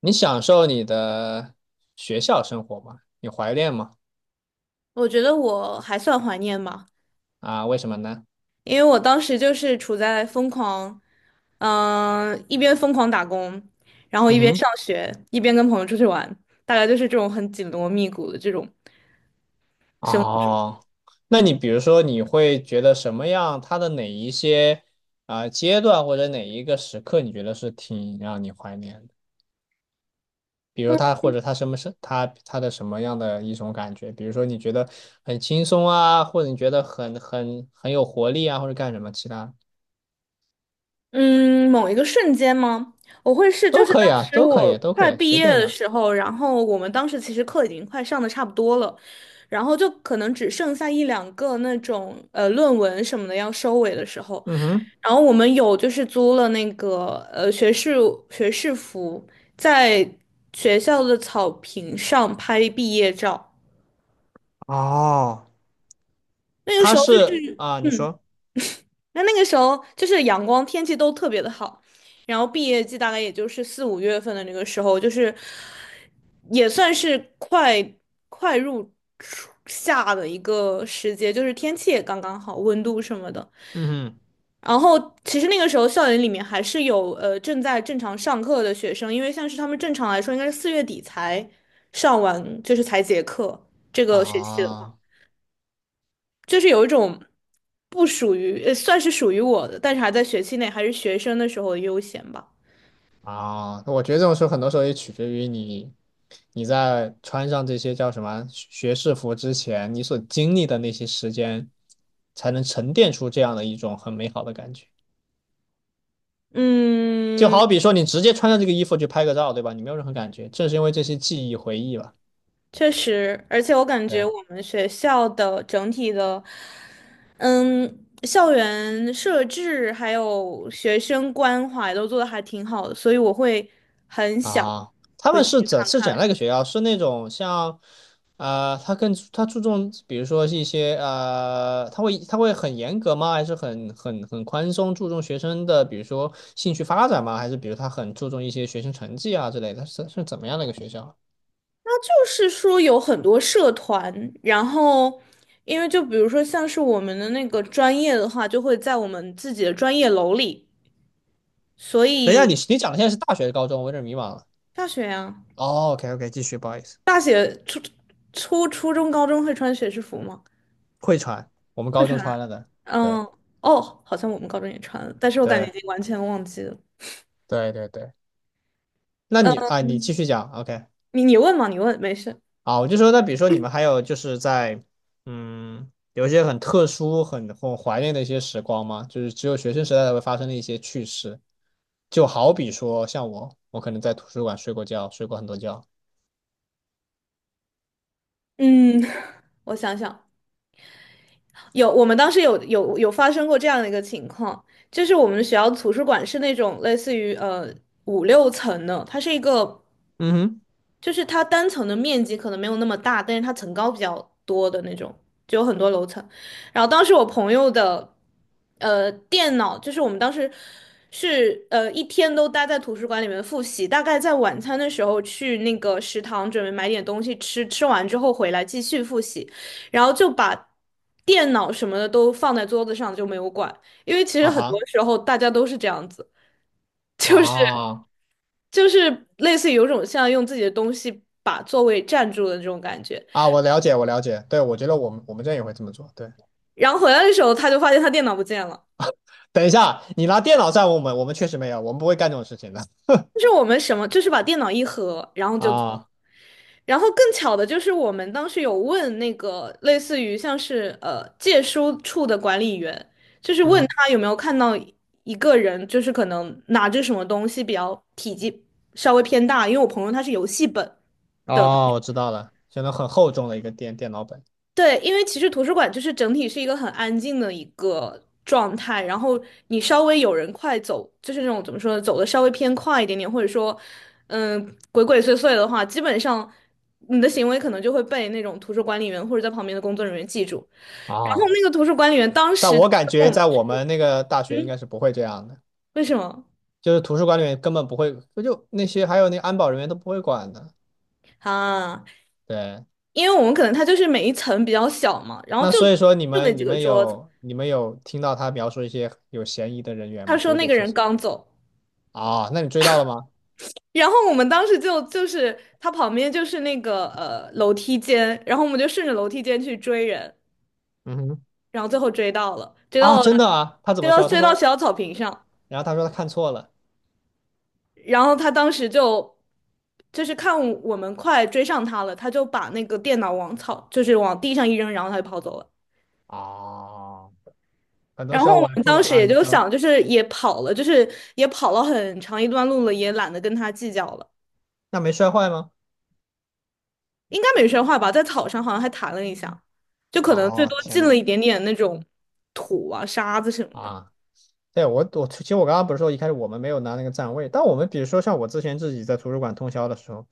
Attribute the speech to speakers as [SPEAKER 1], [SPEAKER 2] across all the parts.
[SPEAKER 1] 你享受你的学校生活吗？你怀念吗？
[SPEAKER 2] 我觉得我还算怀念吧，
[SPEAKER 1] 啊，为什么呢？
[SPEAKER 2] 因为我当时就是处在疯狂，一边疯狂打工，然后一
[SPEAKER 1] 嗯
[SPEAKER 2] 边
[SPEAKER 1] 哼，
[SPEAKER 2] 上学，一边跟朋友出去玩，大概就是这种很紧锣密鼓的这种。
[SPEAKER 1] 哦，那你比如说，你会觉得什么样？它的哪一些阶段或者哪一个时刻，你觉得是挺让你怀念的？比如它或者它什么是它的什么样的一种感觉？比如说你觉得很轻松啊，或者你觉得很有活力啊，或者干什么其他
[SPEAKER 2] 嗯，某一个瞬间吗？我会是就
[SPEAKER 1] 都
[SPEAKER 2] 是
[SPEAKER 1] 可
[SPEAKER 2] 当
[SPEAKER 1] 以啊，
[SPEAKER 2] 时
[SPEAKER 1] 都可
[SPEAKER 2] 我
[SPEAKER 1] 以，都可
[SPEAKER 2] 快
[SPEAKER 1] 以，
[SPEAKER 2] 毕
[SPEAKER 1] 随
[SPEAKER 2] 业
[SPEAKER 1] 便
[SPEAKER 2] 的
[SPEAKER 1] 的。
[SPEAKER 2] 时候，然后我们当时其实课已经快上的差不多了，然后就可能只剩下一两个那种论文什么的要收尾的时候，
[SPEAKER 1] 嗯哼，
[SPEAKER 2] 然后我们有就是租了那个学士服，在学校的草坪上拍毕业照。
[SPEAKER 1] 哦，
[SPEAKER 2] 那个
[SPEAKER 1] 它
[SPEAKER 2] 时候就
[SPEAKER 1] 是
[SPEAKER 2] 是
[SPEAKER 1] 啊，你说。
[SPEAKER 2] 那那个时候就是阳光天气都特别的好，然后毕业季大概也就是四五月份的那个时候，就是也算是快入初夏的一个时节，就是天气也刚刚好，温度什么的。
[SPEAKER 1] 嗯哼
[SPEAKER 2] 然后其实那个时候校园里面还是有正在正常上课的学生，因为像是他们正常来说应该是四月底才上完，就是才结课。这个学期的话，
[SPEAKER 1] 啊
[SPEAKER 2] 就是有一种不属于，呃，算是属于我的，但是还在学期内还是学生的时候的悠闲吧。
[SPEAKER 1] 我觉得这种时候很多时候也取决于你，你在穿上这些叫什么学士服之前，你所经历的那些时间，才能沉淀出这样的一种很美好的感觉。就
[SPEAKER 2] 嗯，
[SPEAKER 1] 好比说，你直接穿上这个衣服去拍个照，对吧？你没有任何感觉，正是因为这些记忆回忆吧。
[SPEAKER 2] 确实，而且我感觉
[SPEAKER 1] 对。
[SPEAKER 2] 我们学校的整体的，校园设置还有学生关怀都做的还挺好的，所以我会很想
[SPEAKER 1] 啊，他
[SPEAKER 2] 回
[SPEAKER 1] 们是
[SPEAKER 2] 去看。
[SPEAKER 1] 怎样的一个学校？是那种像，他注重，比如说是一些他会很严格吗？还是很宽松，注重学生的，比如说兴趣发展吗？还是比如他很注重一些学生成绩啊之类的？是怎么样的一个学校？
[SPEAKER 2] 那就是说有很多社团，然后因为就比如说像是我们的那个专业的话，就会在我们自己的专业楼里，所
[SPEAKER 1] 等一下，你
[SPEAKER 2] 以
[SPEAKER 1] 你讲的现在是大学、高中，我有点迷茫了。
[SPEAKER 2] 大学呀，
[SPEAKER 1] 哦，OK OK，继续，不好意思，
[SPEAKER 2] 初中、高中会穿学士服吗？
[SPEAKER 1] 会传，我们
[SPEAKER 2] 会
[SPEAKER 1] 高中
[SPEAKER 2] 穿啊。
[SPEAKER 1] 传了的，对
[SPEAKER 2] 嗯，哦，好像我们高中也穿了，但是我感觉已
[SPEAKER 1] 对
[SPEAKER 2] 经完全忘记了。
[SPEAKER 1] 对对对，那你啊，你继
[SPEAKER 2] 嗯，
[SPEAKER 1] 续讲，OK。
[SPEAKER 2] 你问嘛，你问，没事。
[SPEAKER 1] 啊，我就说，那比如说你们还有就是在，嗯，有一些很特殊、很怀念的一些时光吗？就是只有学生时代才会发生的一些趣事，就好比说，像我，我可能在图书馆睡过觉，睡过很多觉。
[SPEAKER 2] 嗯，我想想，有，我们当时有发生过这样的一个情况，就是我们学校图书馆是那种类似于五六层的，它是一个
[SPEAKER 1] 嗯哼，
[SPEAKER 2] 就是它单层的面积可能没有那么大，但是它层高比较多的那种，就有很多楼层。然后当时我朋友的电脑，就是我们当时是一天都待在图书馆里面复习，大概在晚餐的时候去那个食堂准备买点东西吃，吃完之后回来继续复习，然后就把电脑什么的都放在桌子上就没有管，因为其实
[SPEAKER 1] 啊
[SPEAKER 2] 很多
[SPEAKER 1] 哈，
[SPEAKER 2] 时候大家都是这样子。就是。
[SPEAKER 1] 啊
[SPEAKER 2] 就是类似于有种像用自己的东西把座位占住的这种感觉。
[SPEAKER 1] 我了解，我了解。对，我觉得我们这也会这么做。对，
[SPEAKER 2] 然后回来的时候，他就发现他电脑不见了。
[SPEAKER 1] 等一下，你拿电脑在我们，我们确实没有，我们不会干这种事情的。
[SPEAKER 2] 就是我们什么，就是把电脑一合，然后就走。
[SPEAKER 1] 啊，
[SPEAKER 2] 然后更巧的就是，我们当时有问那个类似于像是借书处的管理员，就是问
[SPEAKER 1] 嗯，
[SPEAKER 2] 他有没有看到一个人，就是可能拿着什么东西比较体积稍微偏大，因为我朋友他是游戏本。的。
[SPEAKER 1] 哦，我知道了，相当很厚重的一个电脑本。
[SPEAKER 2] 对，因为其实图书馆就是整体是一个很安静的一个状态，然后你稍微有人快走，就是那种怎么说呢，走的稍微偏快一点点，或者说，鬼鬼祟祟的话，基本上你的行为可能就会被那种图书管理员或者在旁边的工作人员记住。然后
[SPEAKER 1] 啊。
[SPEAKER 2] 那个图书管理员当
[SPEAKER 1] 但
[SPEAKER 2] 时就
[SPEAKER 1] 我感
[SPEAKER 2] 跟我
[SPEAKER 1] 觉
[SPEAKER 2] 们，
[SPEAKER 1] 在我们那个大学应
[SPEAKER 2] 嗯，
[SPEAKER 1] 该是不会这样的，
[SPEAKER 2] 为什么
[SPEAKER 1] 就是图书馆里面根本不会，不就那些还有那个安保人员都不会管的。
[SPEAKER 2] 啊？
[SPEAKER 1] 对，
[SPEAKER 2] 因为我们可能他就是每一层比较小嘛，然后
[SPEAKER 1] 那所以说你
[SPEAKER 2] 就那
[SPEAKER 1] 们
[SPEAKER 2] 几
[SPEAKER 1] 你
[SPEAKER 2] 个
[SPEAKER 1] 们
[SPEAKER 2] 桌子，
[SPEAKER 1] 有你们有听到他描述一些有嫌疑的人员
[SPEAKER 2] 他
[SPEAKER 1] 吗？
[SPEAKER 2] 说
[SPEAKER 1] 鬼
[SPEAKER 2] 那
[SPEAKER 1] 鬼
[SPEAKER 2] 个
[SPEAKER 1] 祟
[SPEAKER 2] 人
[SPEAKER 1] 祟
[SPEAKER 2] 刚走。
[SPEAKER 1] 啊，那你追到了吗？
[SPEAKER 2] 然后我们当时就是他旁边就是那个楼梯间，然后我们就顺着楼梯间去追人，
[SPEAKER 1] 嗯哼，
[SPEAKER 2] 然后最后追到了，追到
[SPEAKER 1] 啊，
[SPEAKER 2] 了，
[SPEAKER 1] 真的啊，他怎么说？他
[SPEAKER 2] 追到学
[SPEAKER 1] 说，
[SPEAKER 2] 校草坪上，
[SPEAKER 1] 然后他说他看错了。
[SPEAKER 2] 然后他当时就是看我们快追上他了，他就把那个电脑往草就是往地上一扔，然后他就跑走了。
[SPEAKER 1] 啊。很多
[SPEAKER 2] 然
[SPEAKER 1] 时
[SPEAKER 2] 后
[SPEAKER 1] 候
[SPEAKER 2] 我
[SPEAKER 1] 我还
[SPEAKER 2] 们
[SPEAKER 1] 碰到
[SPEAKER 2] 当时
[SPEAKER 1] 啊，
[SPEAKER 2] 也
[SPEAKER 1] 你
[SPEAKER 2] 就
[SPEAKER 1] 说
[SPEAKER 2] 想，就是也跑了很长一段路了，也懒得跟他计较了。
[SPEAKER 1] 那没摔坏吗？
[SPEAKER 2] 应该没摔坏吧，在草上好像还弹了一下，就可能最
[SPEAKER 1] 哦，
[SPEAKER 2] 多
[SPEAKER 1] 天
[SPEAKER 2] 进
[SPEAKER 1] 呐，
[SPEAKER 2] 了一点点那种土啊、沙子什么的。
[SPEAKER 1] 啊。对，我其实我刚刚不是说一开始我们没有拿那个站位，但我们比如说像我之前自己在图书馆通宵的时候，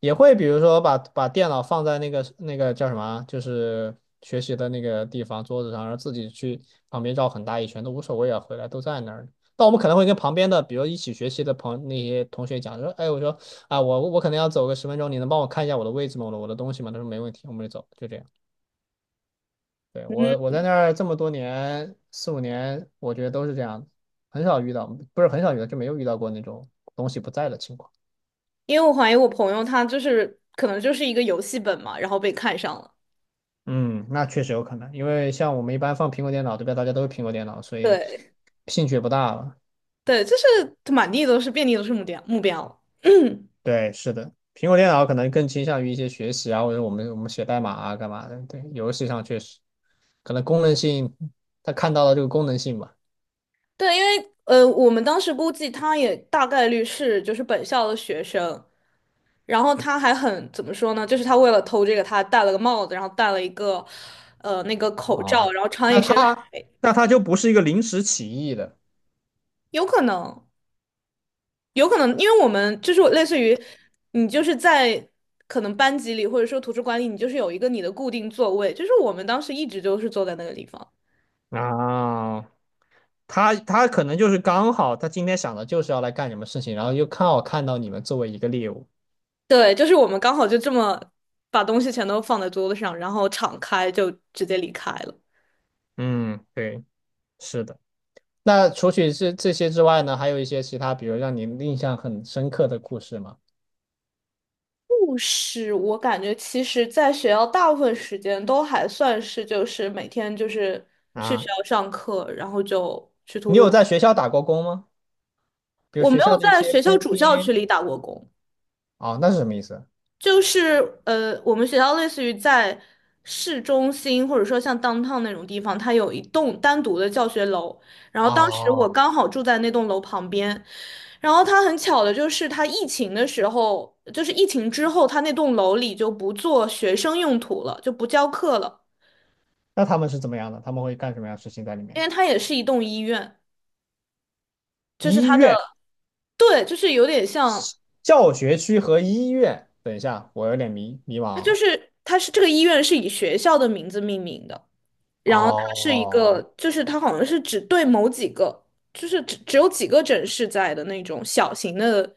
[SPEAKER 1] 也会比如说把电脑放在那个叫什么啊就是学习的那个地方桌子上，然后自己去旁边绕很大一圈都无所谓啊，回来都在那儿。但我们可能会跟旁边的，比如一起学习的那些同学讲说，哎，我说啊，我可能要走个10分钟，你能帮我看一下我的位置吗？我的东西吗？他说没问题，我们就走，就这样。对，
[SPEAKER 2] 嗯，
[SPEAKER 1] 我在那儿这么多年，4、5年，我觉得都是这样的，很少遇到，不是很少遇到，就没有遇到过那种东西不在的情况。
[SPEAKER 2] 因为我怀疑我朋友他就是可能就是一个游戏本嘛，然后被看上了。
[SPEAKER 1] 嗯，那确实有可能，因为像我们一般放苹果电脑，对吧？大家都是苹果电脑，所以
[SPEAKER 2] 对
[SPEAKER 1] 兴趣也不大了。
[SPEAKER 2] 对，就是满地都是，遍地都是目标目标。
[SPEAKER 1] 对，是的，苹果电脑可能更倾向于一些学习啊，或者我们写代码啊，干嘛的？对，游戏上确实可能功能性，他看到了这个功能性吧。
[SPEAKER 2] 对，因为我们当时估计他也大概率是就是本校的学生，然后他还很怎么说呢？就是他为了偷这个，他戴了个帽子，然后戴了一个那个口罩，
[SPEAKER 1] 哦，
[SPEAKER 2] 然后穿一
[SPEAKER 1] 那
[SPEAKER 2] 身，
[SPEAKER 1] 它就不是一个临时起意的。
[SPEAKER 2] 有可能。有可能，因为我们就是类似于你就是在可能班级里或者说图书馆里，你就是有一个你的固定座位，就是我们当时一直就是坐在那个地方。
[SPEAKER 1] 啊，他可能就是刚好，他今天想的就是要来干什么事情，然后又刚好看到你们作为一个猎物。
[SPEAKER 2] 对，就是我们刚好就这么把东西全都放在桌子上，然后敞开就直接离开了。
[SPEAKER 1] 嗯，对，是的。那除去这些之外呢，还有一些其他，比如让你印象很深刻的故事吗？
[SPEAKER 2] 故事我感觉其实在学校大部分时间都还算是就是每天就是去学
[SPEAKER 1] 啊，
[SPEAKER 2] 校上课，然后就去图
[SPEAKER 1] 你
[SPEAKER 2] 书
[SPEAKER 1] 有
[SPEAKER 2] 馆。
[SPEAKER 1] 在学校打过工吗？比如
[SPEAKER 2] 我没
[SPEAKER 1] 学校
[SPEAKER 2] 有
[SPEAKER 1] 的一
[SPEAKER 2] 在
[SPEAKER 1] 些
[SPEAKER 2] 学校
[SPEAKER 1] 餐
[SPEAKER 2] 主校区
[SPEAKER 1] 厅？
[SPEAKER 2] 里打过工。
[SPEAKER 1] 哦，那是什么意思？
[SPEAKER 2] 就是我们学校类似于在市中心，或者说像 downtown 那种地方，它有一栋单独的教学楼。然后当时我
[SPEAKER 1] 哦，
[SPEAKER 2] 刚好住在那栋楼旁边，然后它很巧的就是，它疫情的时候，就是疫情之后，它那栋楼里就不做学生用途了，就不教课了，
[SPEAKER 1] 那他们是怎么样的？他们会干什么样的事情在里
[SPEAKER 2] 因
[SPEAKER 1] 面？
[SPEAKER 2] 为它也是一栋医院，就是
[SPEAKER 1] 医院、
[SPEAKER 2] 对，就是有点像，
[SPEAKER 1] 教学区和医院。等一下，我有点迷迷茫了。
[SPEAKER 2] 它是这个医院是以学校的名字命名的。然后它是一个，
[SPEAKER 1] 哦。
[SPEAKER 2] 就是它好像是只对某几个，就是只有几个诊室在的那种小型的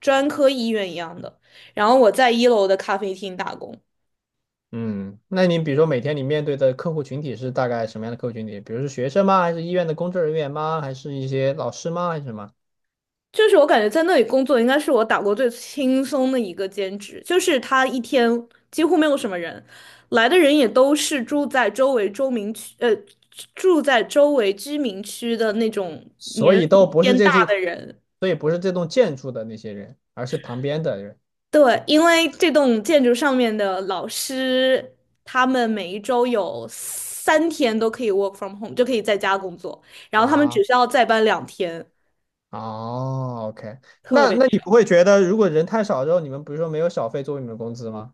[SPEAKER 2] 专科医院一样的。然后我在一楼的咖啡厅打工，
[SPEAKER 1] 嗯，那你比如说每天你面对的客户群体是大概什么样的客户群体？比如是学生吗？还是医院的工作人员吗？还是一些老师吗？还是什么？
[SPEAKER 2] 就是我感觉在那里工作应该是我打过最轻松的一个兼职，就是他一天几乎没有什么人，来的人也都是住在周围居民区的那种。
[SPEAKER 1] 所以都不是这处，所以不是这栋建筑的那些人，而是旁边的人
[SPEAKER 2] 对，因为这栋建筑上面的老师，他们每一周有3天都可以 work from home,就可以在家工作，然后他们只
[SPEAKER 1] 啊。
[SPEAKER 2] 需要再搬2天，
[SPEAKER 1] 哦，OK，
[SPEAKER 2] 特
[SPEAKER 1] 那
[SPEAKER 2] 别
[SPEAKER 1] 那你不会觉得如果人太少之后，你们比如说没有小费作为你们的工资吗？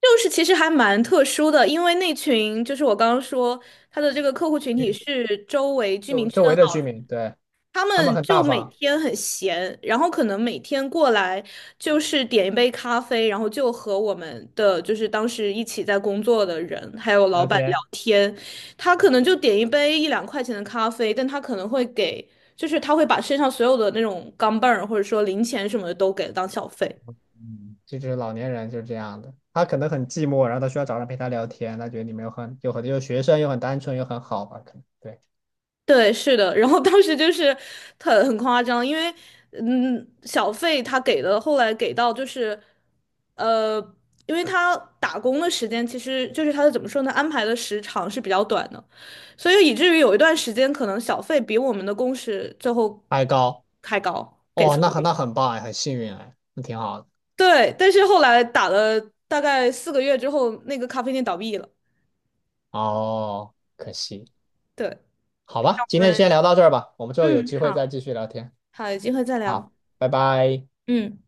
[SPEAKER 2] 就是其实还蛮特殊的，因为那群就是我刚刚说他的这个客户群体
[SPEAKER 1] 嗯，
[SPEAKER 2] 是周围居民
[SPEAKER 1] 周
[SPEAKER 2] 区
[SPEAKER 1] 周
[SPEAKER 2] 的
[SPEAKER 1] 围的
[SPEAKER 2] 老，
[SPEAKER 1] 居民，对，
[SPEAKER 2] 他
[SPEAKER 1] 他们
[SPEAKER 2] 们
[SPEAKER 1] 很
[SPEAKER 2] 就
[SPEAKER 1] 大
[SPEAKER 2] 每
[SPEAKER 1] 方，
[SPEAKER 2] 天很闲，然后可能每天过来就是点一杯咖啡，然后就和我们的就是当时一起在工作的人还有老
[SPEAKER 1] 聊
[SPEAKER 2] 板。
[SPEAKER 1] 天。
[SPEAKER 2] 他可能就点一杯一两块钱的咖啡，但他可能会给，就是他会把身上所有的那种钢镚儿或者说零钱什么的都给当小费。
[SPEAKER 1] 嗯，就是老年人就是这样的，他可能很寂寞，然后他需要找人陪他聊天，他觉得你们又很有很又学生又很单纯又很好吧，可能对。
[SPEAKER 2] 对，是的。然后当时就是很夸张，因为小费他给的，后来给到就是呃，因为他打工的时间其实就是他的怎么说呢，安排的时长是比较短的，所以以至于有一段时间可能小费比我们的工时最后
[SPEAKER 1] 爱高，
[SPEAKER 2] 还高。给
[SPEAKER 1] 哦，
[SPEAKER 2] 出。
[SPEAKER 1] 那很棒哎，很幸运哎，那挺好的。
[SPEAKER 2] 对，但是后来打了大概4个月之后，那个咖啡店倒闭了。
[SPEAKER 1] 哦，可惜，
[SPEAKER 2] 对，
[SPEAKER 1] 好吧，今
[SPEAKER 2] 我
[SPEAKER 1] 天就
[SPEAKER 2] 们
[SPEAKER 1] 先聊到这儿吧，我们之后有
[SPEAKER 2] 嗯，
[SPEAKER 1] 机会再
[SPEAKER 2] 好，
[SPEAKER 1] 继续聊天。
[SPEAKER 2] 好，有机会再
[SPEAKER 1] 好，
[SPEAKER 2] 聊。
[SPEAKER 1] 拜拜。
[SPEAKER 2] 嗯。